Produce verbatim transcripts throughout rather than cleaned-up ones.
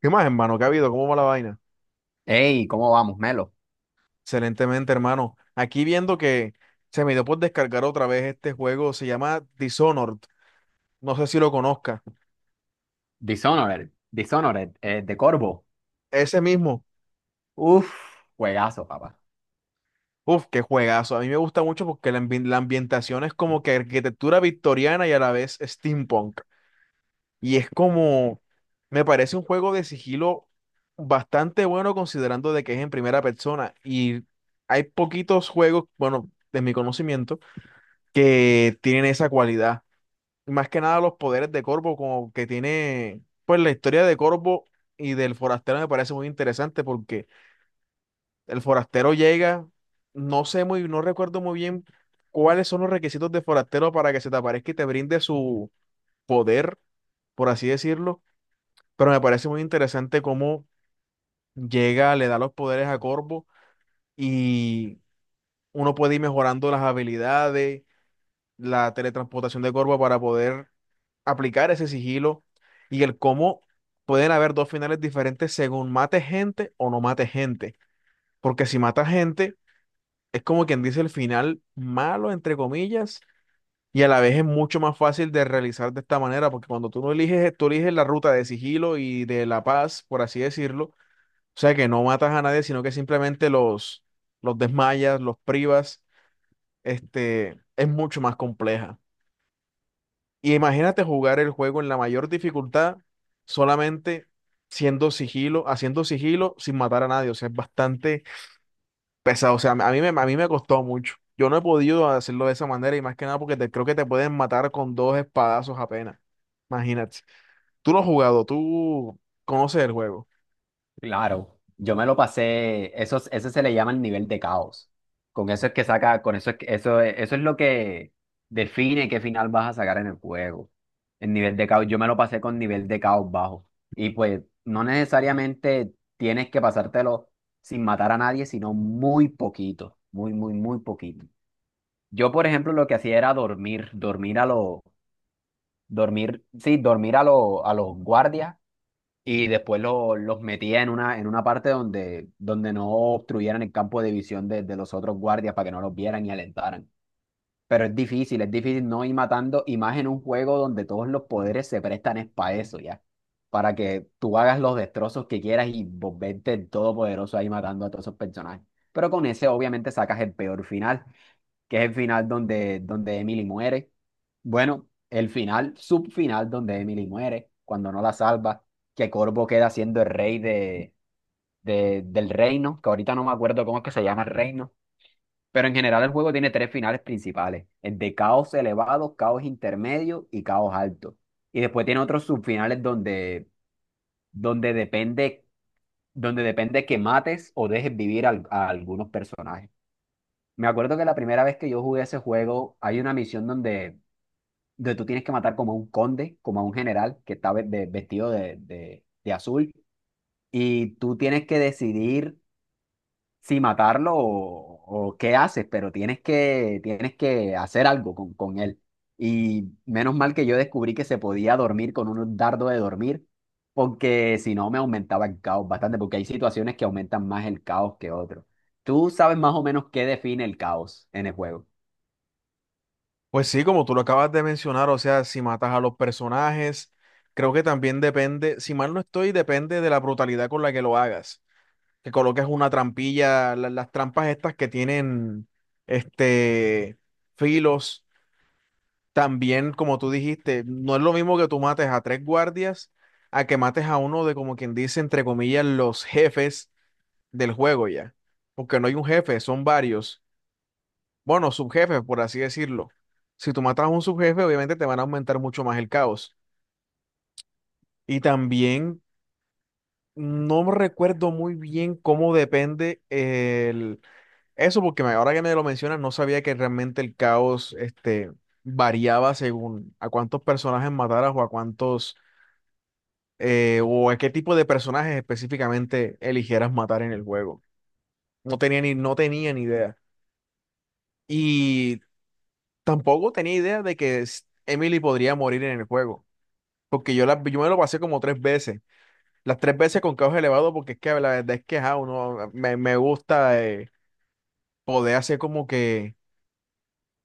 ¿Qué más, hermano? ¿Qué ha habido? ¿Cómo va la vaina? Hey, ¿cómo vamos, Melo? Excelentemente, hermano. Aquí viendo que se me dio por descargar otra vez este juego, se llama Dishonored. No sé si lo conozca. Dishonored, Dishonored, eh, de Corvo. Ese mismo. Uf, juegazo, papá. Uf, qué juegazo. A mí me gusta mucho porque la, ambi- la ambientación es como que arquitectura victoriana y a la vez steampunk. Y es como, me parece un juego de sigilo bastante bueno considerando de que es en primera persona. Y hay poquitos juegos, bueno, de mi conocimiento, que tienen esa cualidad. Más que nada los poderes de Corvo, como que tiene, pues la historia de Corvo y del forastero me parece muy interesante porque el forastero llega, no sé muy, no recuerdo muy bien cuáles son los requisitos de forastero para que se te aparezca y te brinde su poder, por así decirlo, pero me parece muy interesante cómo llega, le da los poderes a Corvo y uno puede ir mejorando las habilidades, la teletransportación de Corvo para poder aplicar ese sigilo y el cómo pueden haber dos finales diferentes según mate gente o no mate gente. Porque si mata gente, es como quien dice el final malo, entre comillas, y a la vez es mucho más fácil de realizar de esta manera, porque cuando tú no eliges, tú eliges la ruta de sigilo y de la paz, por así decirlo, o sea que no matas a nadie, sino que simplemente los, los desmayas, los privas, este, es mucho más compleja. Y imagínate jugar el juego en la mayor dificultad, solamente siendo sigilo, haciendo sigilo sin matar a nadie. O sea, es bastante pesado. O sea, a mí me, a mí me costó mucho. Yo no he podido hacerlo de esa manera y más que nada porque te- creo que te pueden matar con dos espadazos apenas. Imagínate. Tú lo has jugado, tú conoces el juego. Claro, yo me lo pasé, eso, es- ese se le llama el nivel de caos. Con eso es que saca, con eso es que, eso, es- eso es lo que define qué final vas a sacar en el juego. El nivel de caos, yo me lo pasé con nivel de caos bajo. Y pues no necesariamente tienes que pasártelo sin matar a nadie, sino muy poquito, muy, muy, muy poquito. Yo, por ejemplo, lo que hacía era dormir, dormir a lo Dormir, sí, dormir a, lo- a los guardias y después lo- los metía en una, en una parte donde, donde no obstruyeran el campo de visión de, de los otros guardias para que no los vieran y alentaran. Pero es difícil, es difícil no ir matando y más en un juego donde todos los poderes se prestan es para eso, ya. Para que tú hagas los destrozos que quieras y volverte el todopoderoso ahí matando a todos esos personajes. Pero con ese obviamente sacas el peor final que es el final donde, donde Emily muere. Bueno, el final, subfinal donde Emily muere, cuando no la salva, que Corvo queda siendo el rey de, de- del reino, que ahorita no me acuerdo cómo es que se llama el reino, pero en general el juego tiene tres finales principales, el de caos elevado, caos intermedio y caos alto. Y después tiene otros subfinales donde, donde depende, donde depende que mates o dejes vivir al- a algunos personajes. Me acuerdo que la primera vez que yo jugué ese juego, hay una misión donde donde tú tienes que matar como a un conde, como a un general que está ve- de- vestido de, de- de azul, y tú tienes que decidir si matarlo o, o qué haces, pero tienes que, tienes que hacer algo con, con él. Y menos mal que yo descubrí que se podía dormir con un dardo de dormir, porque si no me aumentaba el caos bastante, porque hay situaciones que aumentan más el caos que otros. Tú sabes más o menos qué define el caos en el juego. Pues sí, como tú lo acabas de mencionar, o sea, si matas a los personajes, creo que también depende, si mal no estoy, depende de la brutalidad con la que lo hagas. Que coloques una trampilla, la- las trampas estas que tienen este filos. También, como tú dijiste, no es lo mismo que tú mates a tres guardias a que mates a uno de, como quien dice, entre comillas, los jefes del juego ya. Porque no hay un jefe, son varios. Bueno, subjefes, por así decirlo. Si tú matas a un subjefe, obviamente te van a aumentar mucho más el caos. Y también no recuerdo muy bien cómo depende el. Eso porque me- ahora que me lo mencionas, no sabía que realmente el caos este variaba según a cuántos personajes mataras o a cuántos, eh, o a qué tipo de personajes específicamente eligieras matar en el juego. No tenía ni, no tenía ni idea. Y tampoco tenía idea de que s- Emily podría morir en el juego, porque yo, la, yo me lo pasé como tres veces, las tres veces con caos elevado, porque es que la verdad es que ajá, uno, me, me gusta eh, poder hacer como que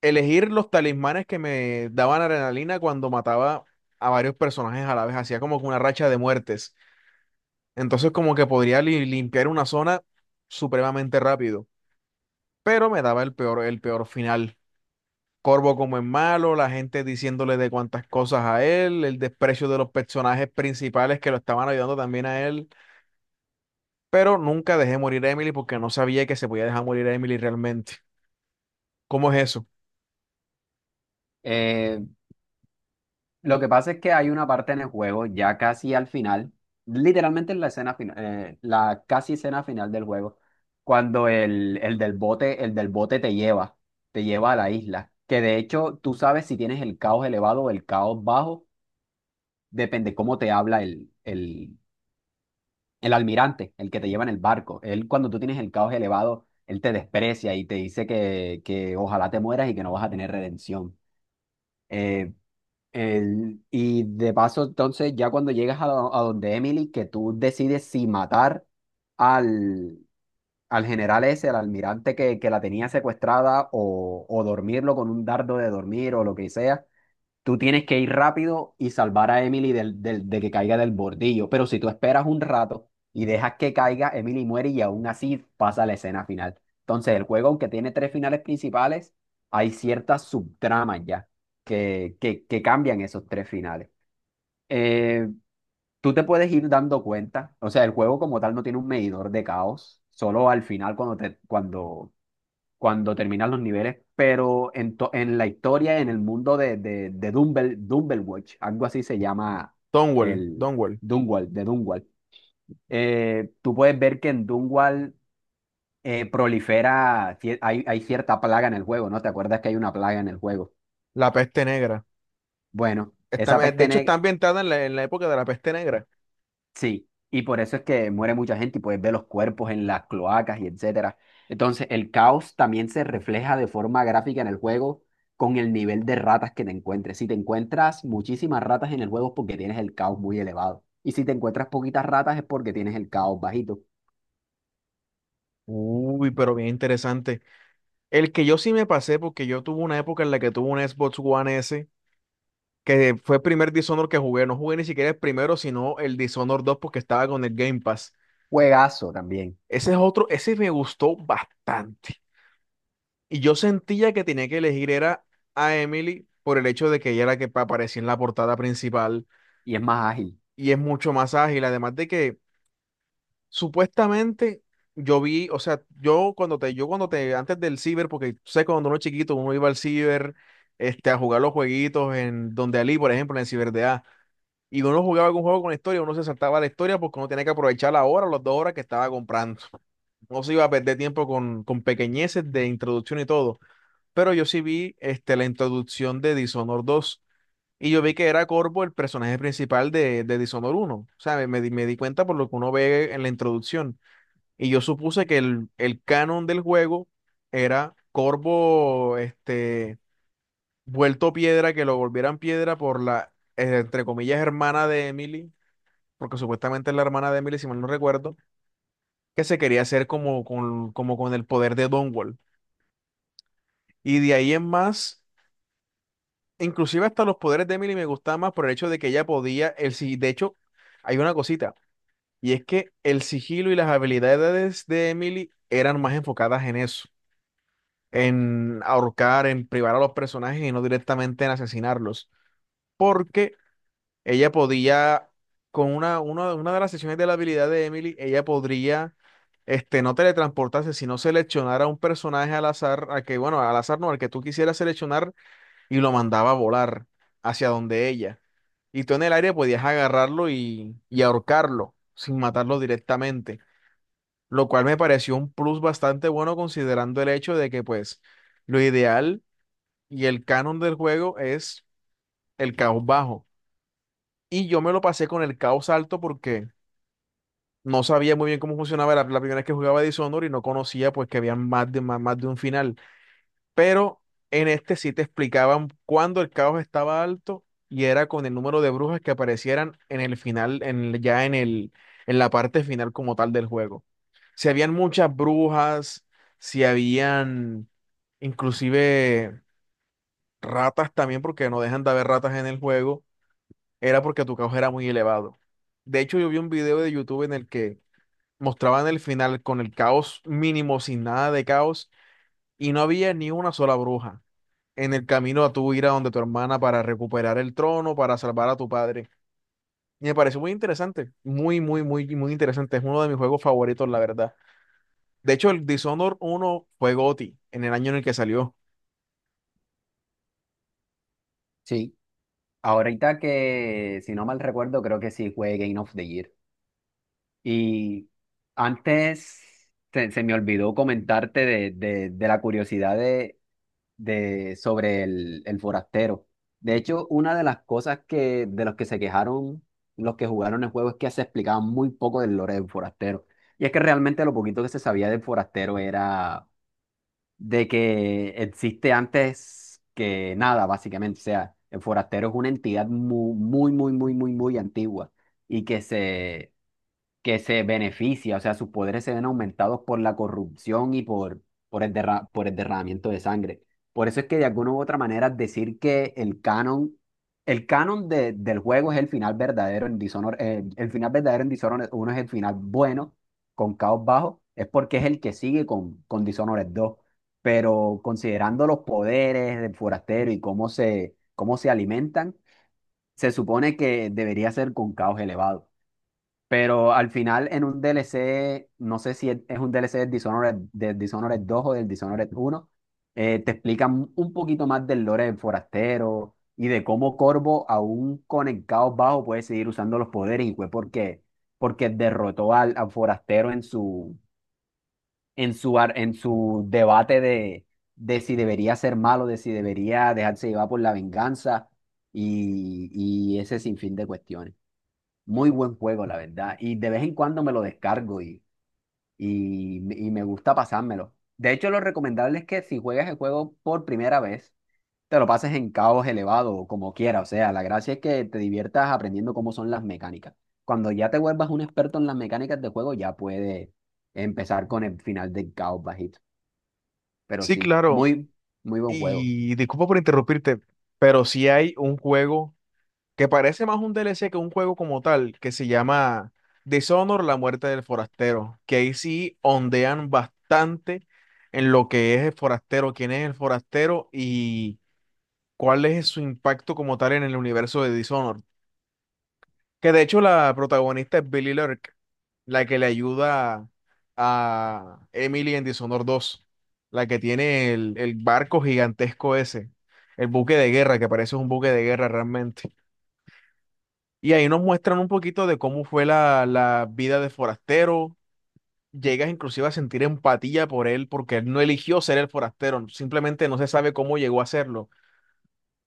elegir los talismanes que me daban adrenalina cuando mataba a varios personajes a la vez, hacía como que una racha de muertes. Entonces como que podría li- limpiar una zona supremamente rápido, pero me daba el peor, el peor final. Corvo como en malo, la gente diciéndole de cuantas cosas a él, el desprecio de los personajes principales que lo estaban ayudando también a él, pero nunca dejé morir a Emily porque no sabía que se podía dejar morir a Emily realmente. ¿Cómo es eso? Eh, Lo que pasa es que hay una parte en el juego, ya casi al final, literalmente en la escena final, la casi escena final del juego, cuando el, el del bote, el del bote te lleva, te lleva a la isla. Que de hecho tú sabes si tienes el caos elevado o el caos bajo, depende cómo te habla el, el, el almirante, el que te lleva en el barco. Él, cuando tú tienes el caos elevado, él te desprecia y te dice que, que ojalá te mueras y que no vas a tener redención. Eh, el- y de paso, entonces, ya cuando llegas a, do- a donde Emily, que tú decides si matar al, al general ese, al almirante que, que la tenía secuestrada, o, o dormirlo con un dardo de dormir o lo que sea, tú tienes que ir rápido y salvar a Emily del, del- de que caiga del bordillo. Pero si tú esperas un rato y dejas que caiga, Emily muere y aún así pasa la escena final. Entonces, el juego, aunque tiene tres finales principales, hay ciertas subtramas ya que, que, que cambian esos tres finales. Eh, tú te puedes ir dando cuenta, o sea, el juego como tal no tiene un medidor de caos, solo al final cuando te, cuando cuando terminan los niveles, pero en, to- en la historia, en el mundo de, de, de Dumble, Dumblewatch, algo así se llama Donwell, el Donwell, Dunwall, de Dunwall. Eh, tú puedes ver que en Dunwall eh, prolifera, cier- hay, hay cierta plaga en el juego, ¿no? ¿Te acuerdas que hay una plaga en el juego? la peste negra. Bueno, Está- esa eh, De peste, hecho, está ne- ambientada en la, en la época de la peste negra. sí, y por eso es que muere mucha gente y puedes ver los cuerpos en las cloacas y etcétera. Entonces, el caos también se refleja de forma gráfica en el juego con el nivel de ratas que te encuentres. Si te encuentras muchísimas ratas en el juego es porque tienes el caos muy elevado. Y si te encuentras poquitas ratas es porque tienes el caos bajito. Uy, pero bien interesante. El que yo sí me pasé, porque yo tuve una época en la que tuve un Xbox One S, que fue el primer Dishonored que jugué. No jugué ni siquiera el primero, sino el Dishonored dos porque estaba con el Game Pass. Juegazo también. Ese es otro, ese me gustó bastante. Y yo sentía que tenía que elegir era a Emily por el hecho de que ella era la que pa- aparecía en la portada principal Y es más ágil. y es mucho más ágil. Además de que supuestamente yo vi, o sea, yo cuando te, yo cuando te, antes del ciber, porque tú sabes que cuando uno es chiquito, uno iba al ciber, este, a jugar los jueguitos en donde Ali, por ejemplo, en el ciber de A, y uno jugaba algún juego con historia, uno se saltaba la historia porque uno tenía que aprovechar la hora, las dos horas que estaba comprando. No se iba a perder tiempo con, con pequeñeces de introducción y todo. Pero yo sí vi, este, la introducción de Dishonored dos. Y yo vi que era Corvo el personaje principal de, de Dishonored uno. O sea, me, me di me di cuenta por lo que uno ve en la introducción. Y yo supuse que el, el canon del juego era Corvo, este, vuelto piedra, que lo volvieran piedra por la, eh, entre comillas, hermana de Emily, porque supuestamente es la hermana de Emily, si mal no recuerdo, que se quería hacer como con, como con el poder de Dunwall. Y de ahí en más, inclusive hasta los poderes de Emily me gustaban más por el hecho de que ella podía, el, si- de hecho, hay una cosita, y es que el sigilo y las habilidades de Emily eran más enfocadas en eso, en ahorcar, en privar a los personajes y no directamente en asesinarlos. Porque ella podía, con una, una, una de las sesiones de la habilidad de Emily, ella podría este, no teletransportarse, sino seleccionar a un personaje al azar, a que, bueno, al azar no, al que tú quisieras seleccionar y lo mandaba a volar hacia donde ella. Y tú en el aire podías agarrarlo y, y ahorcarlo sin matarlo directamente, lo cual me pareció un plus bastante bueno considerando el hecho de que pues lo ideal y el canon del juego es el caos bajo. Y yo me lo pasé con el caos alto porque no sabía muy bien cómo funcionaba la, la primera vez que jugaba Dishonored y no conocía pues que había más de, más, más de un final. Pero en este sí te explicaban cuándo el caos estaba alto y era con el número de brujas que aparecieran en el final, en, el- ya en el, en la parte final como tal del juego. Si habían muchas brujas, si habían inclusive ratas también, porque no dejan de haber ratas en el juego, era porque tu caos era muy elevado. De hecho, yo vi un video de YouTube en el que mostraban el final con el caos mínimo, sin nada de caos, y no había ni una sola bruja en el camino a tu ir a donde tu hermana para recuperar el trono, para salvar a tu padre. Y me pareció muy interesante, muy, muy, muy, muy interesante. Es uno de mis juegos favoritos, la verdad. De hecho, el Dishonored uno fue G O T Y en el año en el que salió. Sí. Ahorita que, si no mal recuerdo, creo que sí fue Game of the Year. Y antes se, se me olvidó comentarte de, de- de la curiosidad de, de- sobre el, el forastero. De hecho, una de las cosas que, de los que se quejaron los que jugaron el juego es que se explicaba muy poco del lore del forastero. Y es que realmente lo poquito que se sabía del forastero era de que existe antes que nada, básicamente. O sea, el forastero es una entidad muy, muy, muy, muy, muy, muy antigua y que se que se beneficia, o sea, sus poderes se ven aumentados por la corrupción y por, por el derra- por el derramamiento de sangre. Por eso es que de alguna u otra manera decir que el canon, el canon de- del juego es el final verdadero en Dishonored, eh, el final verdadero en Dishonored uno es el final bueno con Caos Bajo, es porque es el que sigue con, con Dishonored dos, pero considerando los poderes del forastero y cómo se, cómo se alimentan, se supone que debería ser con Caos elevado. Pero al final en un D L C, no sé si es es un D L C del Dishonored, del Dishonored dos o del Dishonored uno eh, te explican un poquito más del lore del forastero y de cómo Corvo, aún con el caos bajo, puede seguir usando los poderes y fue porque, porque derrotó al, al forastero en su, en su, ar- en su debate de, de si debería ser malo, de si debería dejarse llevar por la venganza y, y ese sinfín de cuestiones. Muy buen juego, la verdad. Y de vez en cuando me lo descargo y, y, y me gusta pasármelo. De hecho, lo recomendable es que si juegas el juego por primera vez, te lo pases en caos elevado o como quieras. O sea, la gracia es que te diviertas aprendiendo cómo son las mecánicas. Cuando ya te vuelvas un experto en las mecánicas de juego, ya puedes empezar con el final del caos bajito. Pero Sí, sí, claro. muy, muy buen juego. Y disculpa por interrumpirte, pero si hay un juego que parece más un D L C que un juego como tal, que se llama Dishonor, la muerte del forastero, que ahí sí ondean bastante en lo que es el forastero, quién es el forastero y cuál es su impacto como tal en el universo de Dishonor. Que de hecho la protagonista es Billy Lurk, la que le ayuda a Emily en Dishonor dos, la que tiene el, el barco gigantesco ese, el buque de guerra, que parece un buque de guerra realmente. Y ahí nos muestran un poquito de cómo fue la, la vida de forastero. Llegas inclusive a sentir empatía por él porque él no eligió ser el forastero, simplemente no se sabe cómo llegó a serlo.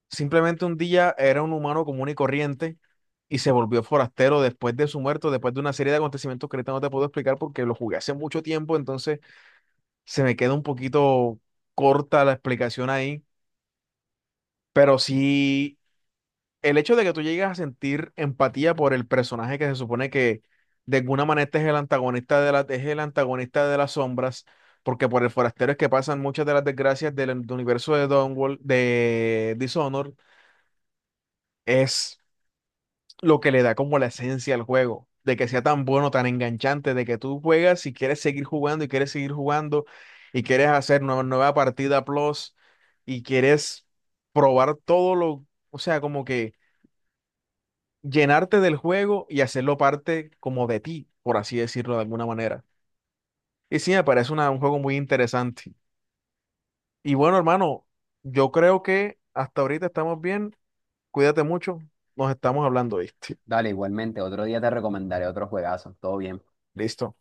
Simplemente un día era un humano común y corriente y se volvió forastero después de su muerte, después de una serie de acontecimientos que ahorita no te puedo explicar porque lo jugué hace mucho tiempo, entonces se me queda un poquito corta la explicación ahí, pero sí. El hecho de que tú llegues a sentir empatía por el personaje que se supone que de alguna manera este es el antagonista de la, es el antagonista de las sombras, porque por el forastero es que pasan muchas de las desgracias del, del universo de Downworld, de Dishonored, es lo que le da como la esencia al juego, de que sea tan bueno, tan enganchante, de que tú juegas y quieres seguir jugando y quieres seguir jugando y quieres hacer una nueva partida plus y quieres probar todo lo, o sea, como que llenarte del juego y hacerlo parte como de ti, por así decirlo de alguna manera. Y sí, me parece una- un juego muy interesante. Y bueno, hermano, yo creo que hasta ahorita estamos bien. Cuídate mucho. Nos estamos hablando, ¿viste? Dale, igualmente, otro día te recomendaré otro juegazo. Todo bien. Listo.